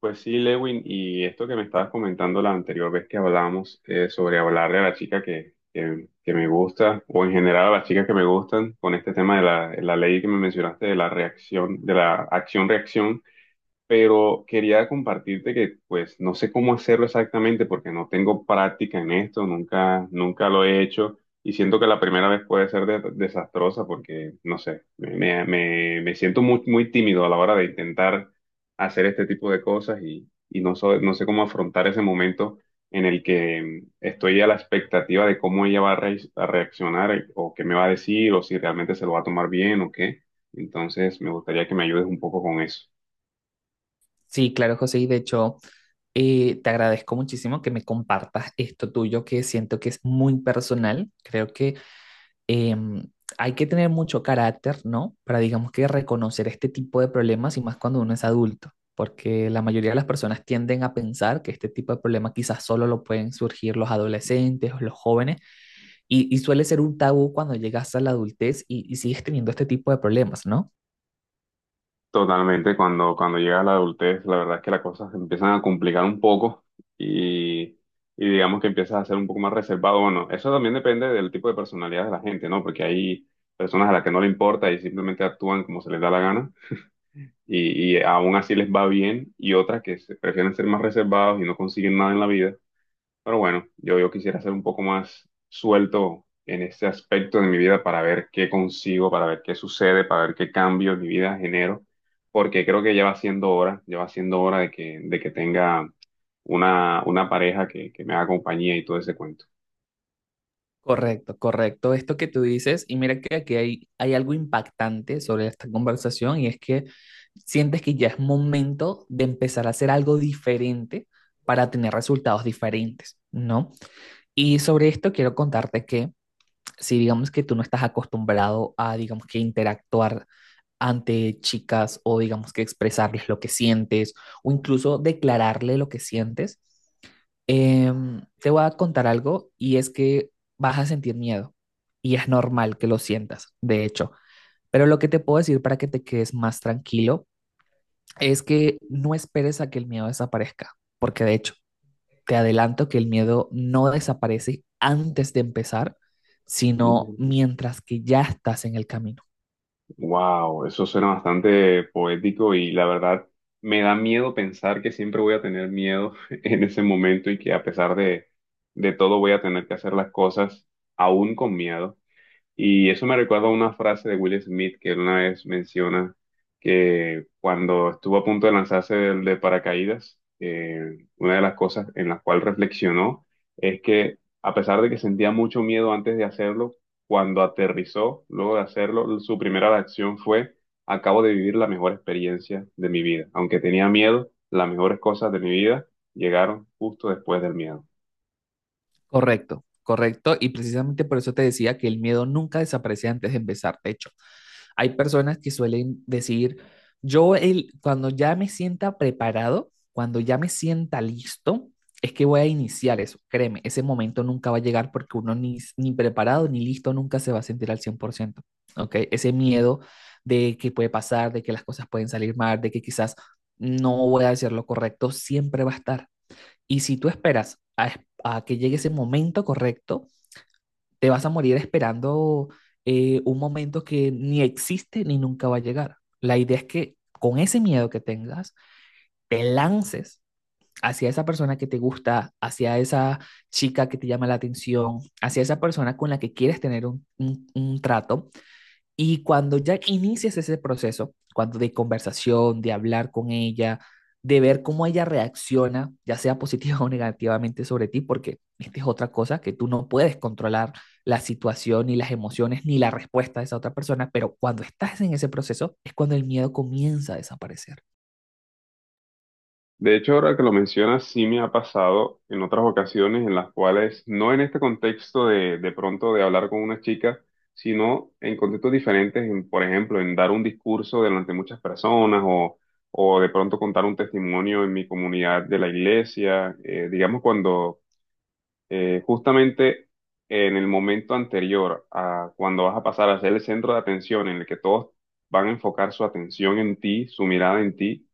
Pues sí, Lewin, y esto que me estabas comentando la anterior vez que hablamos sobre hablarle a la chica que me gusta, o en general a las chicas que me gustan, con este tema de la ley que me mencionaste de la reacción, de la acción-reacción, pero quería compartirte que pues no sé cómo hacerlo exactamente porque no tengo práctica en esto, nunca lo he hecho y siento que la primera vez puede ser desastrosa porque no sé, me siento muy tímido a la hora de intentar hacer este tipo de cosas y no, no sé cómo afrontar ese momento en el que estoy a la expectativa de cómo ella va a reaccionar o qué me va a decir o si realmente se lo va a tomar bien o qué. Entonces me gustaría que me ayudes un poco con eso. Sí, claro, José, y de hecho, te agradezco muchísimo que me compartas esto tuyo, que siento que es muy personal. Creo que em, hay que tener mucho carácter, ¿no? Para, digamos que, reconocer este tipo de problemas y más cuando uno es adulto, porque la mayoría de las personas tienden a pensar que este tipo de problemas quizás solo lo pueden surgir los adolescentes o los jóvenes, y suele ser un tabú cuando llegas a la adultez y sigues teniendo este tipo de problemas, ¿no? Totalmente, cuando llega la adultez, la verdad es que las cosas se empiezan a complicar un poco y, y digamos que empiezas a ser un poco más reservado. Bueno, eso también depende del tipo de personalidad de la gente, ¿no? Porque hay personas a las que no le importa y simplemente actúan como se les da la gana y aún así les va bien y otras que se prefieren ser más reservados y no consiguen nada en la vida, pero bueno, yo quisiera ser un poco más suelto en este aspecto de mi vida para ver qué consigo, para ver qué sucede, para ver qué cambio en mi vida genero, porque creo que ya va siendo hora, ya va siendo hora de de que tenga una pareja que me haga compañía y todo ese cuento. Correcto, correcto. Esto que tú dices, y mira que aquí hay algo impactante sobre esta conversación, y es que sientes que ya es momento de empezar a hacer algo diferente para tener resultados diferentes, ¿no? Y sobre esto quiero contarte que, si digamos que tú no estás acostumbrado a, digamos que interactuar ante chicas, o digamos que expresarles lo que sientes o incluso declararle lo que sientes, te voy a contar algo, y es que vas a sentir miedo, y es normal que lo sientas, de hecho. Pero lo que te puedo decir para que te quedes más tranquilo es que no esperes a que el miedo desaparezca, porque de hecho te adelanto que el miedo no desaparece antes de empezar, sino mientras que ya estás en el camino. Wow, eso suena bastante poético y la verdad me da miedo pensar que siempre voy a tener miedo en ese momento y que a pesar de todo voy a tener que hacer las cosas aún con miedo. Y eso me recuerda a una frase de Will Smith que él una vez menciona que cuando estuvo a punto de lanzarse paracaídas, una de las cosas en las cuales reflexionó es que a pesar de que sentía mucho miedo antes de hacerlo, cuando aterrizó, luego de hacerlo, su primera reacción fue, acabo de vivir la mejor experiencia de mi vida. Aunque tenía miedo, las mejores cosas de mi vida llegaron justo después del miedo. Correcto, correcto. Y precisamente por eso te decía que el miedo nunca desaparece antes de empezar. De hecho, hay personas que suelen decir, yo cuando ya me sienta preparado, cuando ya me sienta listo, es que voy a iniciar eso. Créeme, ese momento nunca va a llegar, porque uno ni preparado ni listo nunca se va a sentir al 100%. ¿Ok? Ese miedo de que puede pasar, de que las cosas pueden salir mal, de que quizás no voy a hacer lo correcto, siempre va a estar. Y si tú a que llegue ese momento correcto, te vas a morir esperando un momento que ni existe ni nunca va a llegar. La idea es que, con ese miedo que tengas, te lances hacia esa persona que te gusta, hacia esa chica que te llama la atención, hacia esa persona con la que quieres tener un trato, y cuando ya inicias ese proceso, cuando de conversación, de hablar con ella, de ver cómo ella reacciona, ya sea positiva o negativamente sobre ti, porque esta es otra cosa que tú no puedes controlar: la situación, ni las emociones, ni la respuesta de esa otra persona. Pero cuando estás en ese proceso es cuando el miedo comienza a desaparecer. De hecho, ahora que lo mencionas, sí me ha pasado en otras ocasiones en las cuales, no en este contexto de pronto de hablar con una chica, sino en contextos diferentes, en, por ejemplo, en dar un discurso delante de muchas personas o de pronto contar un testimonio en mi comunidad de la iglesia, digamos cuando justamente en el momento anterior a cuando vas a pasar a ser el centro de atención en el que todos van a enfocar su atención en ti, su mirada en ti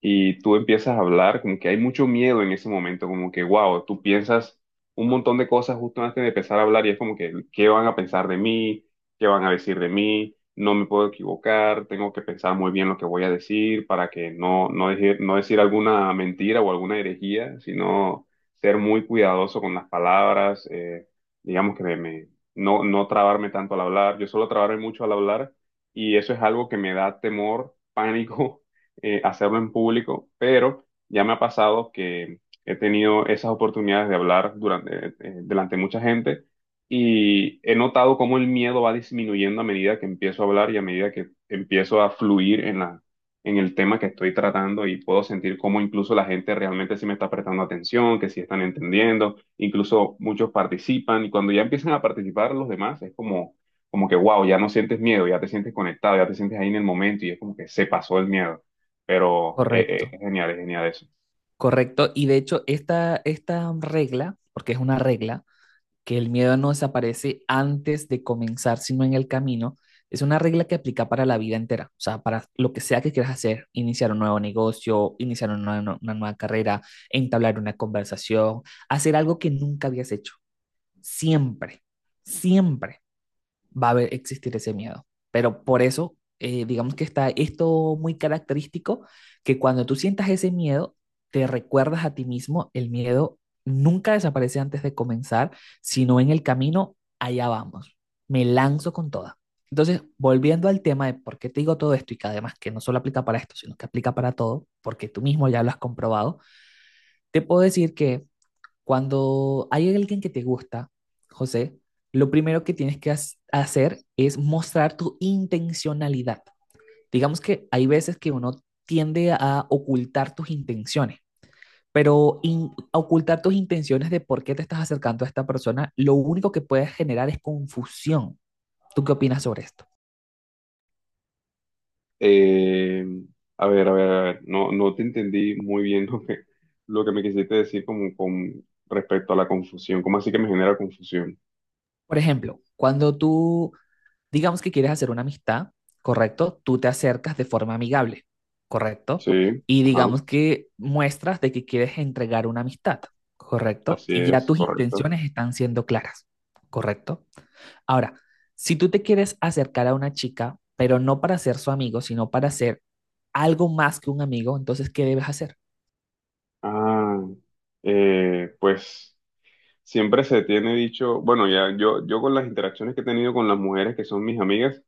y tú empiezas a hablar, como que hay mucho miedo en ese momento, como que, wow, tú piensas un montón de cosas justo antes de empezar a hablar y es como que, ¿qué van a pensar de mí? ¿Qué van a decir de mí? No me puedo equivocar, tengo que pensar muy bien lo que voy a decir para que no decir alguna mentira o alguna herejía, sino ser muy cuidadoso con las palabras, digamos que no, no trabarme tanto al hablar, yo suelo trabarme mucho al hablar y eso es algo que me da temor, pánico hacerlo en público, pero ya me ha pasado que he tenido esas oportunidades de hablar durante, delante de mucha gente y he notado cómo el miedo va disminuyendo a medida que empiezo a hablar y a medida que empiezo a fluir en en el tema que estoy tratando y puedo sentir cómo incluso la gente realmente sí me está prestando atención, que sí están entendiendo, incluso muchos participan y cuando ya empiezan a participar los demás es como, como que wow, ya no sientes miedo, ya te sientes conectado, ya te sientes ahí en el momento y es como que se pasó el miedo. Pero Correcto, es genial eso. correcto. Y de hecho, esta regla, porque es una regla, que el miedo no desaparece antes de comenzar, sino en el camino, es una regla que aplica para la vida entera, o sea, para lo que sea que quieras hacer: iniciar un nuevo negocio, iniciar una nueva carrera, entablar una conversación, hacer algo que nunca habías hecho, siempre, siempre existir ese miedo. Pero por eso, digamos que está esto muy característico, que cuando tú sientas ese miedo, te recuerdas a ti mismo: el miedo nunca desaparece antes de comenzar, sino en el camino, allá vamos, me lanzo con toda. Entonces, volviendo al tema de por qué te digo todo esto, y que además que no solo aplica para esto, sino que aplica para todo, porque tú mismo ya lo has comprobado, te puedo decir que cuando hay alguien que te gusta, José, lo primero que hacer es mostrar tu intencionalidad. Digamos que hay veces que uno tiende a ocultar tus intenciones, pero ocultar tus intenciones de por qué te estás acercando a esta persona, lo único que puede generar es confusión. ¿Tú qué opinas sobre esto? Eh, a ver, a ver, a ver, no, no te entendí muy bien lo lo que me quisiste decir como con respecto a la confusión. ¿Cómo así que me genera confusión? Por ejemplo, cuando tú, digamos que quieres hacer una amistad, ¿correcto? Tú te acercas de forma amigable, ¿correcto? Sí, Y ajá, digamos que muestras de que quieres entregar una amistad, ¿correcto? así Y ya es, tus correcto. intenciones están siendo claras, ¿correcto? Ahora, si tú te quieres acercar a una chica, pero no para ser su amigo, sino para ser algo más que un amigo, entonces, ¿qué debes hacer? Ah, pues siempre se tiene dicho, bueno, ya yo con las interacciones que he tenido con las mujeres que son mis amigas,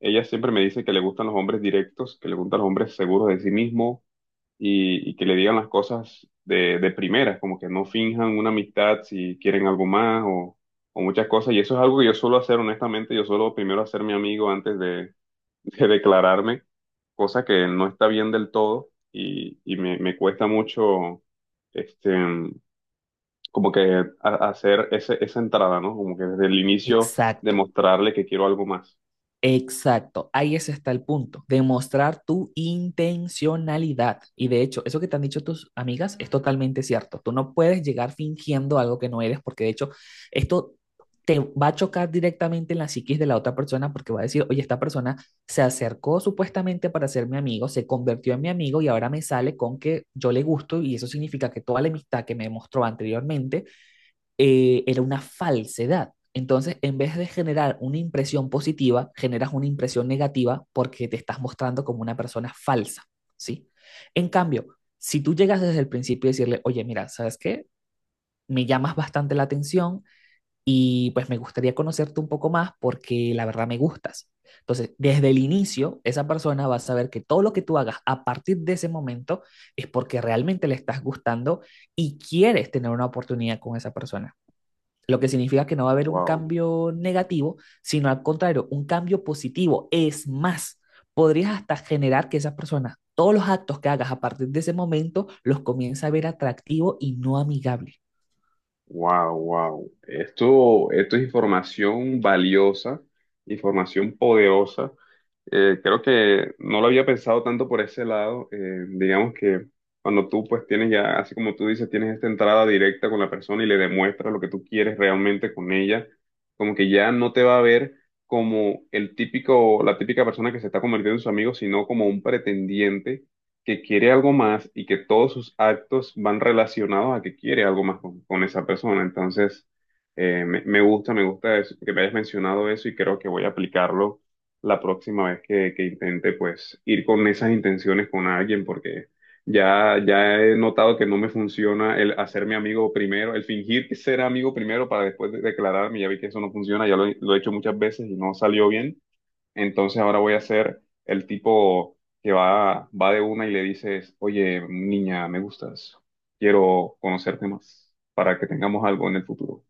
ellas siempre me dicen que le gustan los hombres directos, que le gustan los hombres seguros de sí mismos y que le digan las cosas de primeras, como que no finjan una amistad si quieren algo más o muchas cosas. Y eso es algo que yo suelo hacer, honestamente, yo suelo primero hacer mi amigo de declararme, cosa que no está bien del todo y, me cuesta mucho, este, como que hacer ese, esa entrada, ¿no? Como que desde el inicio Exacto. demostrarle que quiero algo más. Exacto, ahí ese está el punto: demostrar tu intencionalidad. Y de hecho, eso que te han dicho tus amigas es totalmente cierto. Tú no puedes llegar fingiendo algo que no eres, porque de hecho, esto te va a chocar directamente en la psiquis de la otra persona, porque va a decir, oye, esta persona se acercó supuestamente para ser mi amigo, se convirtió en mi amigo, y ahora me sale con que yo le gusto, y eso significa que toda la amistad que me mostró anteriormente era una falsedad. Entonces, en vez de generar una impresión positiva, generas una impresión negativa, porque te estás mostrando como una persona falsa, ¿sí? En cambio, si tú llegas desde el principio y decirle, oye, mira, ¿sabes qué? Me llamas bastante la atención y pues me gustaría conocerte un poco más, porque la verdad me gustas. Entonces, desde el inicio, esa persona va a saber que todo lo que tú hagas a partir de ese momento es porque realmente le estás gustando y quieres tener una oportunidad con esa persona. Lo que significa que no va a haber un Wow. cambio negativo, sino al contrario, un cambio positivo. Es más, podrías hasta generar que esas personas, todos los actos que hagas a partir de ese momento, los comience a ver atractivo y no amigable. Wow, wow. Esto es información valiosa, información poderosa. Creo que no lo había pensado tanto por ese lado. Digamos que cuando tú pues tienes ya, así como tú dices, tienes esta entrada directa con la persona y le demuestras lo que tú quieres realmente con ella, como que ya no te va a ver como el típico, la típica persona que se está convirtiendo en su amigo, sino como un pretendiente que quiere algo más y que todos sus actos van relacionados a que quiere algo más con esa persona. Entonces, me gusta eso, que me hayas mencionado eso y creo que voy a aplicarlo la próxima vez que intente, pues, ir con esas intenciones con alguien, porque ya he notado que no me funciona el hacerme amigo primero, el fingir que ser amigo primero para después declararme, ya vi que eso no funciona, ya lo he hecho muchas veces y no salió bien. Entonces ahora voy a ser el tipo que va de una y le dices, oye, niña, me gustas, quiero conocerte más para que tengamos algo en el futuro.